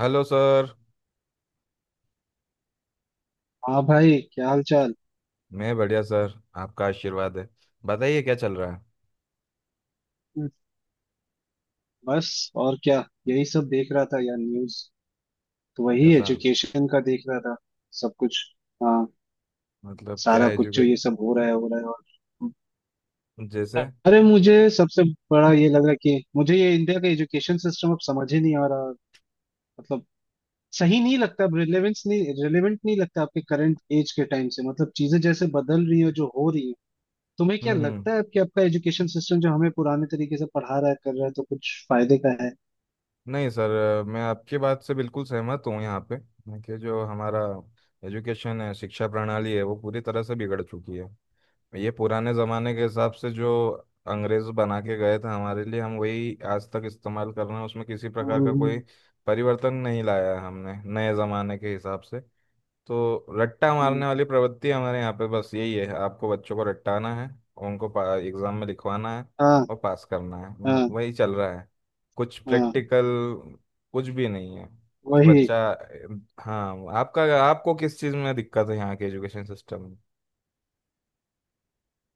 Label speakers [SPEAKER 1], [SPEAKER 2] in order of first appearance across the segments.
[SPEAKER 1] Hello sir.
[SPEAKER 2] हाँ भाई, क्या हाल चाल।
[SPEAKER 1] मैं बढ़िया सर, आपका आशीर्वाद है। बताइए क्या चल रहा है?
[SPEAKER 2] बस और क्या, यही सब देख रहा था यार, न्यूज। तो वही
[SPEAKER 1] ऐसा?
[SPEAKER 2] एजुकेशन का देख रहा था। सब कुछ। हाँ।
[SPEAKER 1] मतलब क्या
[SPEAKER 2] सारा कुछ जो
[SPEAKER 1] एजुके
[SPEAKER 2] ये सब हो रहा है हो रहा है, और
[SPEAKER 1] जैसे?
[SPEAKER 2] अरे, मुझे सबसे बड़ा ये लग रहा है कि मुझे ये इंडिया का एजुकेशन सिस्टम अब समझ ही नहीं आ रहा। मतलब सही नहीं लगता अब, रिलेवेंस नहीं रिलेवेंट नहीं लगता आपके करंट एज के टाइम से। मतलब चीजें जैसे बदल रही है, जो हो रही है। तुम्हें क्या
[SPEAKER 1] हम्म। हम्म।
[SPEAKER 2] लगता है कि आपका एजुकेशन सिस्टम जो हमें पुराने तरीके से पढ़ा रहा है कर रहा है, तो कुछ फायदे का
[SPEAKER 1] नहीं सर, मैं आपकी बात से बिल्कुल सहमत हूँ यहाँ पे कि जो हमारा एजुकेशन है, शिक्षा प्रणाली है, वो पूरी तरह से बिगड़ चुकी है। ये पुराने ज़माने के हिसाब से जो अंग्रेज बना के गए थे हमारे लिए, हम वही आज तक इस्तेमाल कर रहे हैं, उसमें किसी प्रकार
[SPEAKER 2] है।
[SPEAKER 1] का कोई परिवर्तन नहीं लाया है हमने नए ज़माने के हिसाब से। तो रट्टा
[SPEAKER 2] हम्म,
[SPEAKER 1] मारने वाली प्रवृत्ति हमारे यहाँ पे बस यही है, आपको बच्चों को रट्टाना है, उनको एग्जाम में लिखवाना है
[SPEAKER 2] हाँ
[SPEAKER 1] और पास करना है,
[SPEAKER 2] हाँ
[SPEAKER 1] वही चल रहा है। कुछ
[SPEAKER 2] हाँ।
[SPEAKER 1] प्रैक्टिकल, कुछ भी नहीं है कि
[SPEAKER 2] वही।
[SPEAKER 1] बच्चा... हाँ, आपका आपको किस चीज़ में दिक्कत है यहाँ के एजुकेशन सिस्टम में?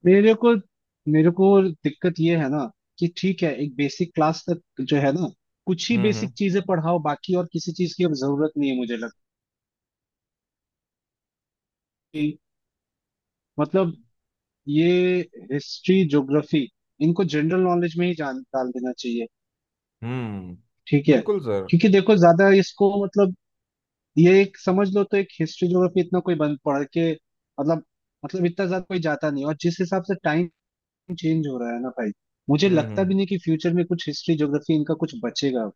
[SPEAKER 2] मेरे को मेरे को दिक्कत ये है ना, कि ठीक है, एक बेसिक क्लास तक जो है ना, कुछ ही
[SPEAKER 1] हम्म।
[SPEAKER 2] बेसिक
[SPEAKER 1] हम्म।
[SPEAKER 2] चीजें पढ़ाओ, बाकी और किसी चीज की अब जरूरत नहीं है मुझे लगता है कि मतलब ये हिस्ट्री ज्योग्राफी इनको जनरल नॉलेज में ही जान डाल देना चाहिए।
[SPEAKER 1] हम्म।
[SPEAKER 2] ठीक है।
[SPEAKER 1] बिल्कुल सर।
[SPEAKER 2] क्योंकि देखो ज्यादा इसको मतलब, ये एक समझ लो तो एक हिस्ट्री ज्योग्राफी इतना कोई बंद पढ़ के मतलब, मतलब इतना ज्यादा कोई जाता नहीं, और जिस हिसाब से टाइम चेंज हो रहा है ना भाई, मुझे
[SPEAKER 1] हम्म।
[SPEAKER 2] लगता
[SPEAKER 1] हम्म।
[SPEAKER 2] भी नहीं कि फ्यूचर में कुछ हिस्ट्री ज्योग्राफी इनका कुछ बचेगा।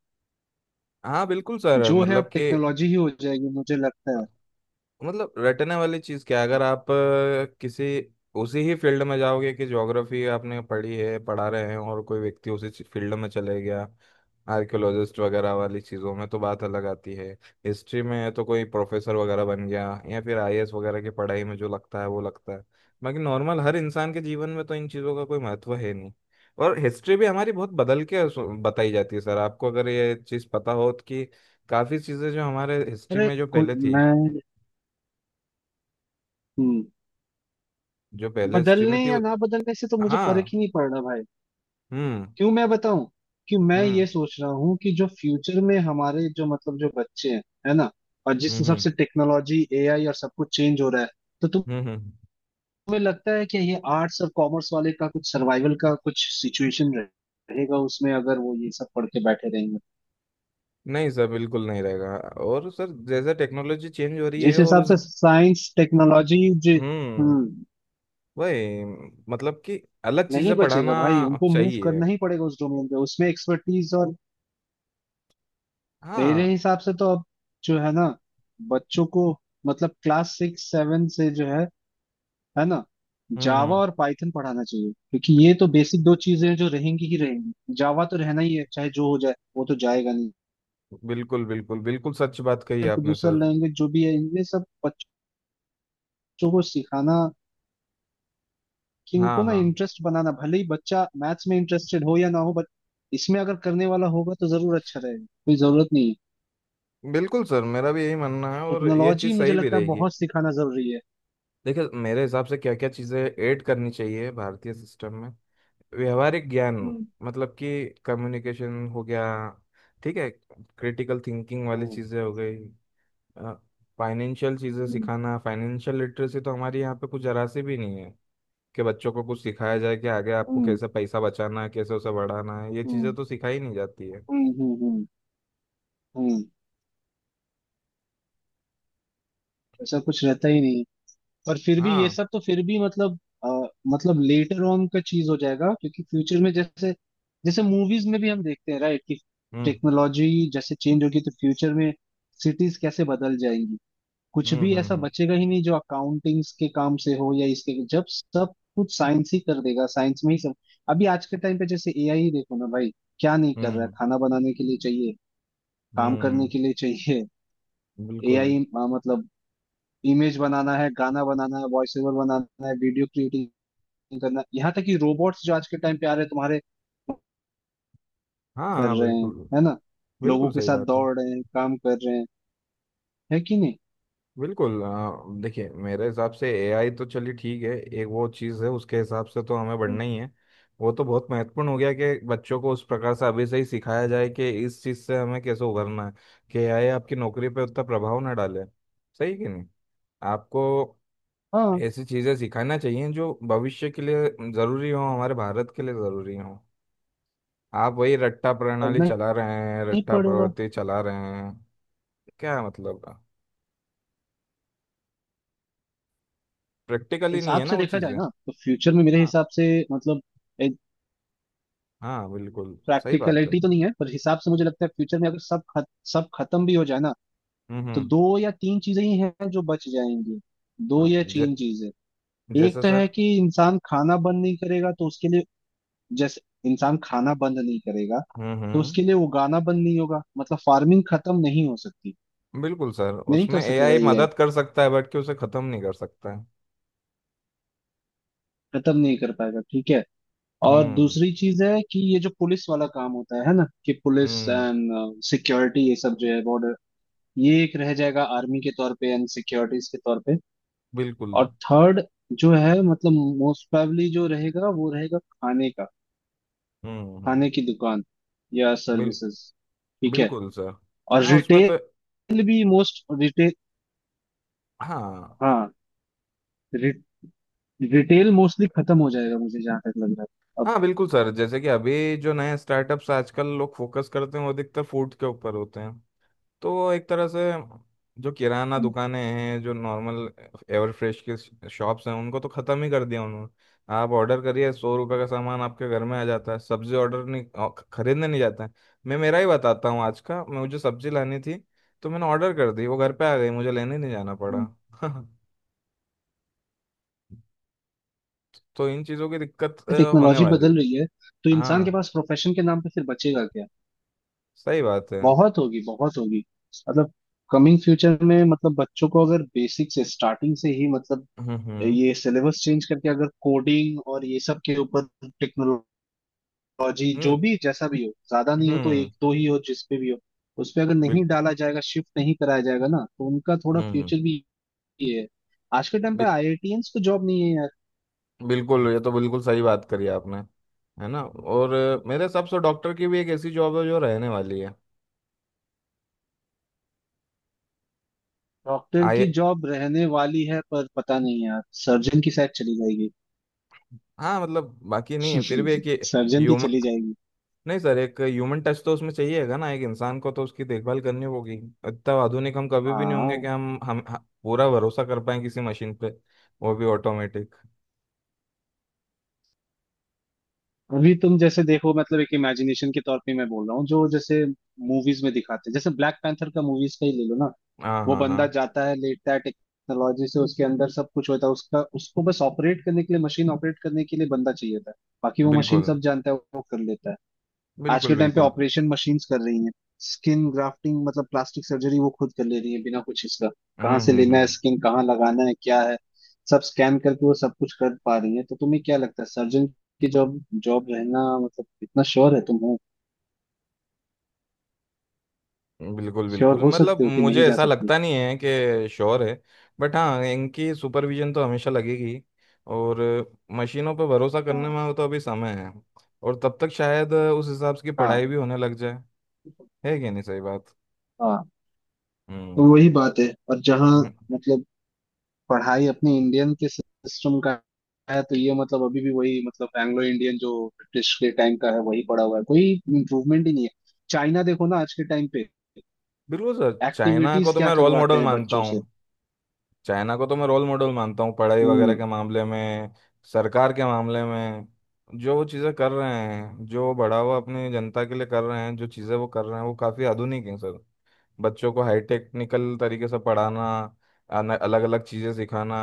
[SPEAKER 1] हाँ, बिल्कुल सर।
[SPEAKER 2] जो है,
[SPEAKER 1] मतलब
[SPEAKER 2] अब
[SPEAKER 1] कि
[SPEAKER 2] टेक्नोलॉजी ही हो जाएगी मुझे लगता है।
[SPEAKER 1] मतलब रटने वाली चीज क्या है? अगर आप किसी उसी ही फील्ड में जाओगे कि ज्योग्राफी आपने पढ़ी है, पढ़ा रहे हैं, और कोई व्यक्ति उसी फील्ड में चले गया, आर्कियोलॉजिस्ट वगैरह वाली चीज़ों में तो बात अलग आती है। हिस्ट्री में है तो कोई प्रोफेसर वगैरह बन गया, या फिर आईएएस वगैरह की पढ़ाई में, जो लगता है वो लगता है। बाकी नॉर्मल हर इंसान के जीवन में तो इन चीज़ों का कोई महत्व है नहीं। और हिस्ट्री भी हमारी बहुत बदल के बताई जाती है सर, आपको अगर ये चीज़ पता हो तो कि काफ़ी चीज़ें जो हमारे हिस्ट्री
[SPEAKER 2] अरे
[SPEAKER 1] में
[SPEAKER 2] मैं हम्म,
[SPEAKER 1] जो पहले स्ट्रीम
[SPEAKER 2] बदलने
[SPEAKER 1] में थी
[SPEAKER 2] या
[SPEAKER 1] वो...
[SPEAKER 2] ना बदलने से तो मुझे फर्क
[SPEAKER 1] हाँ।
[SPEAKER 2] ही नहीं पड़ रहा भाई।
[SPEAKER 1] हम्म।
[SPEAKER 2] क्यों मैं बताऊं कि मैं
[SPEAKER 1] हम्म।
[SPEAKER 2] ये सोच रहा हूँ कि जो फ्यूचर में हमारे जो मतलब जो बच्चे हैं है ना, और जिस
[SPEAKER 1] हम्म। हम्म।
[SPEAKER 2] हिसाब से टेक्नोलॉजी एआई और सब कुछ चेंज हो रहा है, तो तुम्हें
[SPEAKER 1] हम्म। हम्म। हम्म।
[SPEAKER 2] लगता है कि ये आर्ट्स और कॉमर्स वाले का कुछ सर्वाइवल का कुछ सिचुएशन रहेगा उसमें, अगर वो ये सब पढ़ के बैठे रहेंगे।
[SPEAKER 1] नहीं सर, बिल्कुल नहीं रहेगा। और सर जैसे टेक्नोलॉजी चेंज हो रही
[SPEAKER 2] जिस
[SPEAKER 1] है और
[SPEAKER 2] हिसाब
[SPEAKER 1] उस...
[SPEAKER 2] से साइंस टेक्नोलॉजी जि
[SPEAKER 1] हम्म।
[SPEAKER 2] हम्म
[SPEAKER 1] वही, मतलब कि, अलग
[SPEAKER 2] नहीं
[SPEAKER 1] चीजें पढ़ाना
[SPEAKER 2] बचेगा भाई, उनको मूव
[SPEAKER 1] चाहिए।
[SPEAKER 2] करना ही पड़ेगा उस डोमेन पे, उसमें एक्सपर्टीज और। मेरे
[SPEAKER 1] हाँ।
[SPEAKER 2] हिसाब से तो अब जो है ना, बच्चों को मतलब क्लास 6-7 से जो है ना,
[SPEAKER 1] हम्म।
[SPEAKER 2] जावा
[SPEAKER 1] हम्म।
[SPEAKER 2] और पाइथन पढ़ाना चाहिए, क्योंकि ये तो बेसिक दो चीजें हैं जो रहेंगी ही रहेंगी। जावा तो रहना ही है, चाहे जो हो जाए वो तो जाएगा नहीं।
[SPEAKER 1] बिल्कुल, बिल्कुल, बिल्कुल सच बात कही
[SPEAKER 2] फिर तो
[SPEAKER 1] आपने
[SPEAKER 2] दूसरा
[SPEAKER 1] सर।
[SPEAKER 2] लैंग्वेज जो भी है इनमें सब बच्चों को सिखाना, कि
[SPEAKER 1] हाँ,
[SPEAKER 2] इनको ना
[SPEAKER 1] हाँ,
[SPEAKER 2] इंटरेस्ट बनाना, भले ही बच्चा मैथ्स में इंटरेस्टेड हो या ना हो, बट इसमें अगर करने वाला होगा तो जरूर अच्छा रहेगा, कोई जरूरत नहीं है।
[SPEAKER 1] बिल्कुल सर, मेरा भी यही मानना है, और ये
[SPEAKER 2] टेक्नोलॉजी
[SPEAKER 1] चीज़
[SPEAKER 2] मुझे
[SPEAKER 1] सही भी
[SPEAKER 2] लगता है
[SPEAKER 1] रहेगी।
[SPEAKER 2] बहुत सिखाना जरूरी है।
[SPEAKER 1] देखिए, मेरे हिसाब से क्या क्या चीज़ें ऐड करनी चाहिए भारतीय सिस्टम में। व्यवहारिक ज्ञान,
[SPEAKER 2] हम्म।
[SPEAKER 1] मतलब कि कम्युनिकेशन हो गया, ठीक है, क्रिटिकल थिंकिंग वाली
[SPEAKER 2] हम्म।
[SPEAKER 1] चीज़ें हो गई। फाइनेंशियल चीज़ें
[SPEAKER 2] हम्म।
[SPEAKER 1] सिखाना, फाइनेंशियल लिटरेसी तो हमारे यहाँ पे कुछ जरा सी भी नहीं है कि बच्चों को कुछ सिखाया जाए कि आगे आपको
[SPEAKER 2] हम्म।
[SPEAKER 1] कैसे पैसा बचाना है, कैसे उसे बढ़ाना है। ये चीज़ें
[SPEAKER 2] हम्म।
[SPEAKER 1] तो सिखाई नहीं जाती है।
[SPEAKER 2] हम्म। हम्म। हम्म। हम्म, ऐसा कुछ रहता ही नहीं है। पर फिर भी ये
[SPEAKER 1] हाँ।
[SPEAKER 2] सब तो फिर भी मतलब अ, मतलब लेटर ऑन का चीज हो जाएगा, क्योंकि फ्यूचर में जैसे जैसे मूवीज में भी हम देखते हैं राइट, कि
[SPEAKER 1] हम्म।
[SPEAKER 2] टेक्नोलॉजी जैसे चेंज होगी तो फ्यूचर में सिटीज कैसे बदल जाएंगी। कुछ
[SPEAKER 1] हम्म।
[SPEAKER 2] भी
[SPEAKER 1] हम्म।
[SPEAKER 2] ऐसा
[SPEAKER 1] हम्म।
[SPEAKER 2] बचेगा ही नहीं जो अकाउंटिंग्स के काम से हो या इसके, जब सब कुछ साइंस ही कर देगा, साइंस में ही सब। अभी आज के टाइम पे जैसे एआई ही देखो ना भाई, क्या नहीं कर रहा है।
[SPEAKER 1] हम्म।
[SPEAKER 2] खाना बनाने के लिए चाहिए, काम करने
[SPEAKER 1] हम्म।
[SPEAKER 2] के लिए चाहिए।
[SPEAKER 1] बिल्कुल।
[SPEAKER 2] एआई मतलब, इमेज बनाना है, गाना बनाना है, वॉइस ओवर बनाना है, वीडियो क्रिएटिंग करना है, यहाँ तक कि रोबोट्स जो आज के टाइम पे आ रहे हैं तुम्हारे,
[SPEAKER 1] हाँ,
[SPEAKER 2] कर
[SPEAKER 1] हाँ,
[SPEAKER 2] रहे हैं,
[SPEAKER 1] बिल्कुल,
[SPEAKER 2] है ना, लोगों
[SPEAKER 1] बिल्कुल
[SPEAKER 2] के
[SPEAKER 1] सही
[SPEAKER 2] साथ
[SPEAKER 1] बात है।
[SPEAKER 2] दौड़ रहे हैं, काम कर रहे हैं, है कि नहीं।
[SPEAKER 1] बिल्कुल। देखिए मेरे हिसाब से एआई तो चलिए ठीक है, एक वो चीज़ है। उसके हिसाब से तो हमें
[SPEAKER 2] हम्म।
[SPEAKER 1] बढ़ना ही है। वो तो बहुत महत्वपूर्ण हो गया कि बच्चों को उस प्रकार से अभी से ही सिखाया जाए कि इस चीज़ से हमें कैसे उभरना है, कि एआई आपकी नौकरी पे उतना प्रभाव ना डाले। सही कि नहीं? आपको
[SPEAKER 2] हाँ,
[SPEAKER 1] ऐसी चीज़ें सिखाना चाहिए जो भविष्य के लिए ज़रूरी हो, हमारे भारत के लिए ज़रूरी हो। आप वही रट्टा प्रणाली
[SPEAKER 2] करना
[SPEAKER 1] चला रहे हैं,
[SPEAKER 2] ही
[SPEAKER 1] रट्टा
[SPEAKER 2] पड़ेगा।
[SPEAKER 1] प्रवृत्ति चला रहे हैं, क्या मतलब? प्रैक्टिकली नहीं
[SPEAKER 2] हिसाब
[SPEAKER 1] है ना
[SPEAKER 2] से
[SPEAKER 1] वो
[SPEAKER 2] देखा जाए
[SPEAKER 1] चीज़ें।
[SPEAKER 2] ना, तो फ्यूचर में मेरे
[SPEAKER 1] हाँ।
[SPEAKER 2] हिसाब से मतलब,
[SPEAKER 1] हाँ, बिल्कुल। सही बात है।
[SPEAKER 2] प्रैक्टिकलिटी तो नहीं है पर हिसाब से मुझे लगता है फ्यूचर में अगर सब सब खत्म भी हो जाए ना,
[SPEAKER 1] हम्म।
[SPEAKER 2] तो
[SPEAKER 1] हम्म।
[SPEAKER 2] दो या तीन चीजें ही हैं जो बच जाएंगी। दो
[SPEAKER 1] हाँ,
[SPEAKER 2] या तीन चीजें। एक
[SPEAKER 1] जैसे
[SPEAKER 2] तो है
[SPEAKER 1] सर।
[SPEAKER 2] कि इंसान खाना बंद नहीं करेगा तो उसके लिए, जैसे, इंसान खाना बंद नहीं करेगा
[SPEAKER 1] हम्म।
[SPEAKER 2] तो
[SPEAKER 1] हम्म।
[SPEAKER 2] उसके लिए उगाना बंद नहीं होगा, मतलब फार्मिंग खत्म नहीं हो सकती।
[SPEAKER 1] बिल्कुल सर,
[SPEAKER 2] नहीं कर
[SPEAKER 1] उसमें
[SPEAKER 2] सकेगा
[SPEAKER 1] एआई
[SPEAKER 2] एआई,
[SPEAKER 1] मदद कर सकता है बट कि उसे खत्म नहीं कर सकता है।
[SPEAKER 2] खत्म नहीं कर पाएगा, ठीक है। और
[SPEAKER 1] हम्म।
[SPEAKER 2] दूसरी चीज है कि ये जो पुलिस वाला काम होता है ना, कि पुलिस
[SPEAKER 1] हम्म।
[SPEAKER 2] एंड सिक्योरिटी, ये सब जो है बॉर्डर, ये एक रह जाएगा आर्मी के तौर पे एंड सिक्योरिटीज के तौर पे।
[SPEAKER 1] बिल्कुल।
[SPEAKER 2] और थर्ड जो है मतलब, मोस्ट प्रोबेबली जो रहेगा वो रहेगा खाने का,
[SPEAKER 1] हम्म। हम्म।
[SPEAKER 2] खाने की दुकान या
[SPEAKER 1] बिल
[SPEAKER 2] सर्विसेज, ठीक है।
[SPEAKER 1] बिल्कुल सर।
[SPEAKER 2] और
[SPEAKER 1] हाँ उसमें तो...
[SPEAKER 2] रिटेल भी, मोस्ट रिटेल।
[SPEAKER 1] हाँ,
[SPEAKER 2] हाँ, रिटेल मोस्टली खत्म हो जाएगा मुझे जहां तक लग रहा है अब।
[SPEAKER 1] हाँ, बिल्कुल सर, जैसे कि अभी जो नए स्टार्टअप्स आजकल लोग फोकस करते हैं वो अधिकतर फूड के ऊपर होते हैं। तो एक तरह से, जो किराना
[SPEAKER 2] हम्म,
[SPEAKER 1] दुकानें हैं, जो नॉर्मल एवर फ्रेश के शॉप्स हैं, उनको तो ख़त्म ही कर दिया उन्होंने। आप ऑर्डर करिए, 100 रुपये का सामान आपके घर में आ जाता है। सब्जी ऑर्डर नहीं, खरीदने नहीं जाता है। मैं मेरा ही बताता हूँ आज का, मुझे सब्जी लानी थी। तो मैंने ऑर्डर कर दी, वो घर पे आ गई, मुझे लेने नहीं जाना
[SPEAKER 2] हम्म।
[SPEAKER 1] पड़ा। तो इन चीज़ों की दिक्कत होने
[SPEAKER 2] टेक्नोलॉजी
[SPEAKER 1] वाली है।
[SPEAKER 2] बदल रही है, तो इंसान के
[SPEAKER 1] हाँ,
[SPEAKER 2] पास प्रोफेशन के नाम पे फिर बचेगा क्या।
[SPEAKER 1] सही बात है।
[SPEAKER 2] बहुत होगी बहुत होगी, मतलब कमिंग फ्यूचर में, मतलब बच्चों को अगर बेसिक से स्टार्टिंग से ही मतलब
[SPEAKER 1] हम्म। हम्म।
[SPEAKER 2] ये सिलेबस चेंज करके अगर कोडिंग और ये सब के ऊपर टेक्नोलॉजी जो
[SPEAKER 1] हम्म।
[SPEAKER 2] भी जैसा भी हो, ज्यादा नहीं हो तो
[SPEAKER 1] हम्म।
[SPEAKER 2] एक दो ही हो, जिस पे भी हो उस पे अगर नहीं
[SPEAKER 1] बिल-
[SPEAKER 2] डाला जाएगा, शिफ्ट नहीं कराया जाएगा ना, तो उनका थोड़ा
[SPEAKER 1] हम्म,
[SPEAKER 2] फ्यूचर भी ये है। आज के टाइम पे
[SPEAKER 1] बिल-
[SPEAKER 2] आईआईटियंस को जॉब नहीं है यार।
[SPEAKER 1] बिल्कुल, ये तो बिल्कुल सही बात करी आपने। है ना? और मेरे हिसाब से डॉक्टर की भी एक ऐसी जॉब है जो रहने वाली है।
[SPEAKER 2] डॉक्टर
[SPEAKER 1] आए।
[SPEAKER 2] की जॉब रहने वाली है पर पता नहीं यार, सर्जन की शायद चली जाएगी।
[SPEAKER 1] हाँ मतलब बाकी नहीं है, फिर भी एक ये
[SPEAKER 2] सर्जन की
[SPEAKER 1] ह्यूमन
[SPEAKER 2] चली जाएगी।
[SPEAKER 1] नहीं सर, एक ह्यूमन टच तो उसमें चाहिएगा ना, एक इंसान को तो उसकी देखभाल करनी होगी। इतना आधुनिक हम कभी भी नहीं होंगे कि
[SPEAKER 2] हाँ,
[SPEAKER 1] हम पूरा भरोसा कर पाए किसी मशीन पे, वो भी ऑटोमेटिक।
[SPEAKER 2] अभी तुम जैसे देखो मतलब, एक इमेजिनेशन के तौर पे मैं बोल रहा हूँ जो जैसे मूवीज में दिखाते हैं, जैसे ब्लैक पैंथर का मूवीज का ही ले लो ना।
[SPEAKER 1] हाँ,
[SPEAKER 2] वो
[SPEAKER 1] हाँ,
[SPEAKER 2] बंदा
[SPEAKER 1] हाँ।
[SPEAKER 2] जाता है, लेटता है, टेक्नोलॉजी से उसके अंदर सब कुछ होता है उसका, उसको बस ऑपरेट करने के लिए, मशीन ऑपरेट करने के लिए बंदा चाहिए था। बाकी वो मशीन
[SPEAKER 1] बिल्कुल,
[SPEAKER 2] सब जानता है, वो कर लेता है। आज के
[SPEAKER 1] बिल्कुल,
[SPEAKER 2] टाइम पे
[SPEAKER 1] बिल्कुल।
[SPEAKER 2] ऑपरेशन मशीन्स कर रही हैं, स्किन ग्राफ्टिंग मतलब प्लास्टिक सर्जरी वो खुद कर ले रही है बिना कुछ इसका, कहाँ
[SPEAKER 1] हम्म।
[SPEAKER 2] से
[SPEAKER 1] हम्म।
[SPEAKER 2] लेना है
[SPEAKER 1] हम्म।
[SPEAKER 2] स्किन, कहाँ लगाना है, क्या है, सब स्कैन करके वो सब कुछ कर पा रही है। तो तुम्हें क्या लगता है सर्जन की जॉब जॉब रहना, मतलब इतना श्योर है तुम हो?
[SPEAKER 1] बिल्कुल,
[SPEAKER 2] श्योर
[SPEAKER 1] बिल्कुल,
[SPEAKER 2] हो
[SPEAKER 1] मतलब
[SPEAKER 2] सकते हो कि
[SPEAKER 1] मुझे
[SPEAKER 2] नहीं जा
[SPEAKER 1] ऐसा
[SPEAKER 2] सकती?
[SPEAKER 1] लगता नहीं है कि श्योर है। बट हाँ, इनकी सुपरविजन तो हमेशा लगेगी। और मशीनों पर भरोसा
[SPEAKER 2] हाँ
[SPEAKER 1] करने में तो अभी समय है। और तब तक शायद उस हिसाब से की
[SPEAKER 2] हाँ
[SPEAKER 1] पढ़ाई भी होने लग जाए। है कि नहीं सही बात?
[SPEAKER 2] हाँ। तो
[SPEAKER 1] हम्म।
[SPEAKER 2] वही बात है, और जहाँ
[SPEAKER 1] हम्म,
[SPEAKER 2] मतलब पढ़ाई अपनी इंडियन के सिस्टम का है, तो ये मतलब अभी भी वही मतलब एंग्लो इंडियन जो ब्रिटिश के टाइम का है वही पड़ा हुआ है, कोई इम्प्रूवमेंट ही नहीं है। चाइना देखो ना आज के टाइम पे,
[SPEAKER 1] बिल्कुल सर। चाइना को
[SPEAKER 2] एक्टिविटीज
[SPEAKER 1] तो
[SPEAKER 2] क्या
[SPEAKER 1] मैं रोल
[SPEAKER 2] करवाते
[SPEAKER 1] मॉडल
[SPEAKER 2] हैं
[SPEAKER 1] मानता
[SPEAKER 2] बच्चों
[SPEAKER 1] हूँ।
[SPEAKER 2] से।
[SPEAKER 1] चाइना को तो मैं रोल मॉडल मानता हूँ पढ़ाई वगैरह
[SPEAKER 2] हम्म।
[SPEAKER 1] के मामले में, सरकार के मामले में। जो वो चीज़ें कर रहे हैं, जो बढ़ावा अपनी जनता के लिए कर रहे हैं, जो चीज़ें वो कर रहे हैं, वो काफ़ी आधुनिक हैं सर। बच्चों को हाई टेक्निकल तरीके से पढ़ाना, अलग अलग चीज़ें सिखाना।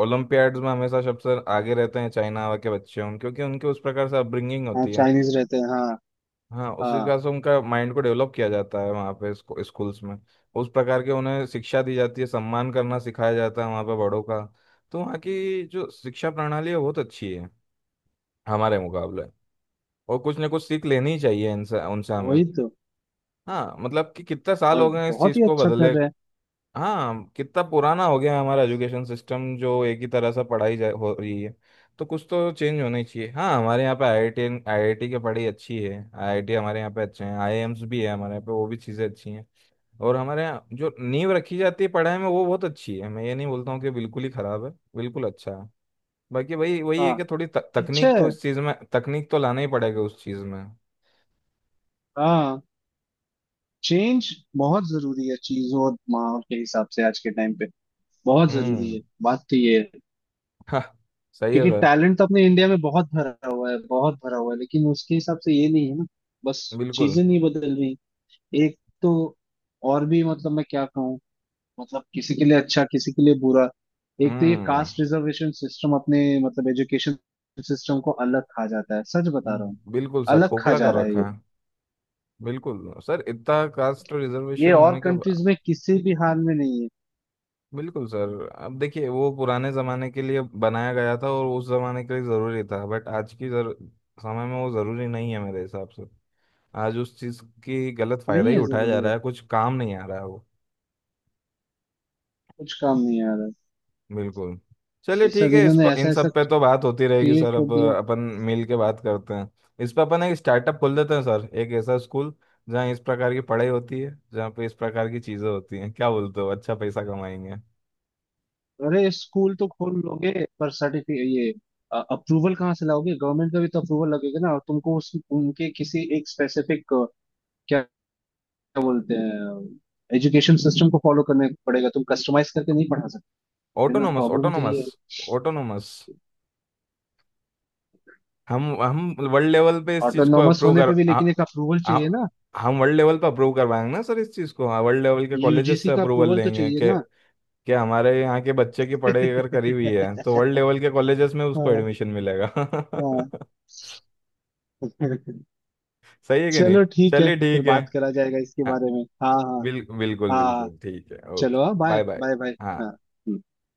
[SPEAKER 1] ओलंपियाड्स में हमेशा सबसे आगे रहते हैं चाइना के बच्चे, उन क्योंकि उनके उस प्रकार से अपब्रिंगिंग
[SPEAKER 2] हाँ,
[SPEAKER 1] होती है।
[SPEAKER 2] चाइनीज रहते हैं, हाँ।
[SPEAKER 1] हाँ, उस
[SPEAKER 2] हाँ,
[SPEAKER 1] हिसाब से उनका माइंड को डेवलप किया जाता है वहाँ पे, स्कूल्स में। उस प्रकार के उन्हें शिक्षा दी जाती है, सम्मान करना सिखाया जाता है वहाँ पे बड़ों का। तो वहाँ की जो शिक्षा प्रणाली है बहुत अच्छी है, हमारे मुकाबले। और कुछ ना कुछ सीख लेनी ही चाहिए इनसे, उनसे हमें।
[SPEAKER 2] वही तो।
[SPEAKER 1] हाँ, मतलब कि कितने साल
[SPEAKER 2] और
[SPEAKER 1] हो गए हैं इस
[SPEAKER 2] बहुत
[SPEAKER 1] चीज़
[SPEAKER 2] ही
[SPEAKER 1] को
[SPEAKER 2] अच्छा
[SPEAKER 1] बदले।
[SPEAKER 2] कर रहे हैं।
[SPEAKER 1] हाँ, कितना पुराना हो गया है हमारा एजुकेशन सिस्टम जो एक ही तरह से पढ़ाई जा हो रही है। तो कुछ तो चेंज होना ही चाहिए। हाँ, हमारे यहाँ पे आईआईटी आईआईटी की पढ़ाई अच्छी है, आईआईटी हमारे यहाँ पे अच्छे हैं, आईआईएम्स भी है हमारे यहाँ पे, वो भी चीज़ें अच्छी हैं। और हमारे यहाँ जो नींव रखी जाती है पढ़ाई में वो बहुत अच्छी है। मैं ये नहीं बोलता हूँ कि बिल्कुल ही खराब है, बिल्कुल अच्छा है। बाकी वही वही है
[SPEAKER 2] हाँ,
[SPEAKER 1] कि थोड़ी
[SPEAKER 2] अच्छा
[SPEAKER 1] तकनीक
[SPEAKER 2] है,
[SPEAKER 1] तो इस चीज़ में, तकनीक तो लाना ही पड़ेगा उस चीज़ में।
[SPEAKER 2] हाँ। चेंज बहुत जरूरी है चीजों और माहौल के हिसाब से आज के टाइम पे, बहुत जरूरी है,
[SPEAKER 1] हम्म।
[SPEAKER 2] बात तो ये है।
[SPEAKER 1] हाँ, सही है
[SPEAKER 2] क्योंकि
[SPEAKER 1] सर।
[SPEAKER 2] टैलेंट तो अपने इंडिया में बहुत भरा हुआ है बहुत भरा हुआ है, लेकिन उसके हिसाब से ये नहीं है ना। बस
[SPEAKER 1] बिल्कुल।
[SPEAKER 2] चीजें नहीं बदल रही। एक तो, और भी मतलब मैं क्या कहूँ, मतलब किसी के लिए अच्छा, किसी के लिए बुरा। एक तो ये
[SPEAKER 1] हम्म।
[SPEAKER 2] कास्ट रिजर्वेशन सिस्टम अपने मतलब एजुकेशन सिस्टम को अलग खा जाता है, सच बता रहा हूँ।
[SPEAKER 1] बिल्कुल सर,
[SPEAKER 2] अलग खा
[SPEAKER 1] खोखला
[SPEAKER 2] जा
[SPEAKER 1] कर
[SPEAKER 2] रहा है ये
[SPEAKER 1] रखा है। बिल्कुल सर, इतना कास्ट
[SPEAKER 2] ये
[SPEAKER 1] रिजर्वेशन
[SPEAKER 2] और
[SPEAKER 1] होने के।
[SPEAKER 2] कंट्रीज में किसी भी हाल में नहीं है।
[SPEAKER 1] बिल्कुल सर, अब देखिए वो पुराने ज़माने के लिए बनाया गया था और उस ज़माने के लिए ज़रूरी था, बट आज की समय में वो ज़रूरी नहीं है मेरे हिसाब से। आज उस चीज़ की गलत फ़ायदा
[SPEAKER 2] नहीं
[SPEAKER 1] ही
[SPEAKER 2] है
[SPEAKER 1] उठाया जा
[SPEAKER 2] जरूरी है,
[SPEAKER 1] रहा है, कुछ काम नहीं आ रहा है वो।
[SPEAKER 2] कुछ काम नहीं आ रहा है।
[SPEAKER 1] बिल्कुल। चलिए
[SPEAKER 2] ये
[SPEAKER 1] ठीक
[SPEAKER 2] सब
[SPEAKER 1] है, इस
[SPEAKER 2] इन्होंने
[SPEAKER 1] पर इन
[SPEAKER 2] ऐसा ऐसा
[SPEAKER 1] सब पे तो बात होती रहेगी
[SPEAKER 2] क्रिएट
[SPEAKER 1] सर,
[SPEAKER 2] कर
[SPEAKER 1] अब
[SPEAKER 2] दिया।
[SPEAKER 1] अपन मिल के बात करते हैं। इस पर अपन एक स्टार्टअप खोल देते हैं सर, एक ऐसा स्कूल जहाँ इस प्रकार की पढ़ाई होती है, जहाँ पे इस प्रकार की चीज़ें होती हैं। क्या बोलते हो? अच्छा पैसा कमाएंगे।
[SPEAKER 2] अरे स्कूल तो खोल लोगे पर सर्टिफिकेट, ये अप्रूवल कहाँ से लाओगे, गवर्नमेंट का भी तो अप्रूवल लगेगा ना, और तुमको उस उनके किसी एक स्पेसिफिक, क्या क्या बोलते हैं, एजुकेशन सिस्टम को फॉलो करने पड़ेगा, तुम कस्टमाइज करके नहीं पढ़ा सकते ना।
[SPEAKER 1] ऑटोनोमस,
[SPEAKER 2] प्रॉब्लम तो ये
[SPEAKER 1] ऑटोनोमस,
[SPEAKER 2] है।
[SPEAKER 1] ऑटोनोमस। हम वर्ल्ड लेवल पे इस चीज को
[SPEAKER 2] ऑटोनॉमस
[SPEAKER 1] अप्रूव
[SPEAKER 2] होने
[SPEAKER 1] कर
[SPEAKER 2] पे भी
[SPEAKER 1] आ,
[SPEAKER 2] लेकिन एक अप्रूवल
[SPEAKER 1] आ,
[SPEAKER 2] चाहिए ना,
[SPEAKER 1] हम वर्ल्ड लेवल पे अप्रूव करवाएंगे ना सर इस चीज को। हाँ, वर्ल्ड लेवल के कॉलेजेस
[SPEAKER 2] यूजीसी
[SPEAKER 1] से
[SPEAKER 2] का
[SPEAKER 1] अप्रूवल
[SPEAKER 2] अप्रूवल तो
[SPEAKER 1] लेंगे
[SPEAKER 2] चाहिए
[SPEAKER 1] कि
[SPEAKER 2] ना।
[SPEAKER 1] कि हमारे यहाँ के बच्चे की पढ़ाई अगर करी हुई है तो वर्ल्ड लेवल के कॉलेजेस में उसको
[SPEAKER 2] हाँ
[SPEAKER 1] एडमिशन मिलेगा।
[SPEAKER 2] हाँ।
[SPEAKER 1] सही है कि नहीं?
[SPEAKER 2] चलो ठीक है,
[SPEAKER 1] चलिए
[SPEAKER 2] फिर
[SPEAKER 1] ठीक है।
[SPEAKER 2] बात करा जाएगा इसके
[SPEAKER 1] हाँ,
[SPEAKER 2] बारे में, हाँ हाँ।
[SPEAKER 1] बिल्कुल,
[SPEAKER 2] हाँ
[SPEAKER 1] बिल्कुल ठीक है, ओके।
[SPEAKER 2] चलो, हाँ bye
[SPEAKER 1] bye, bye.
[SPEAKER 2] Bye bye. हाँ।
[SPEAKER 1] हाँ।
[SPEAKER 2] हम्म।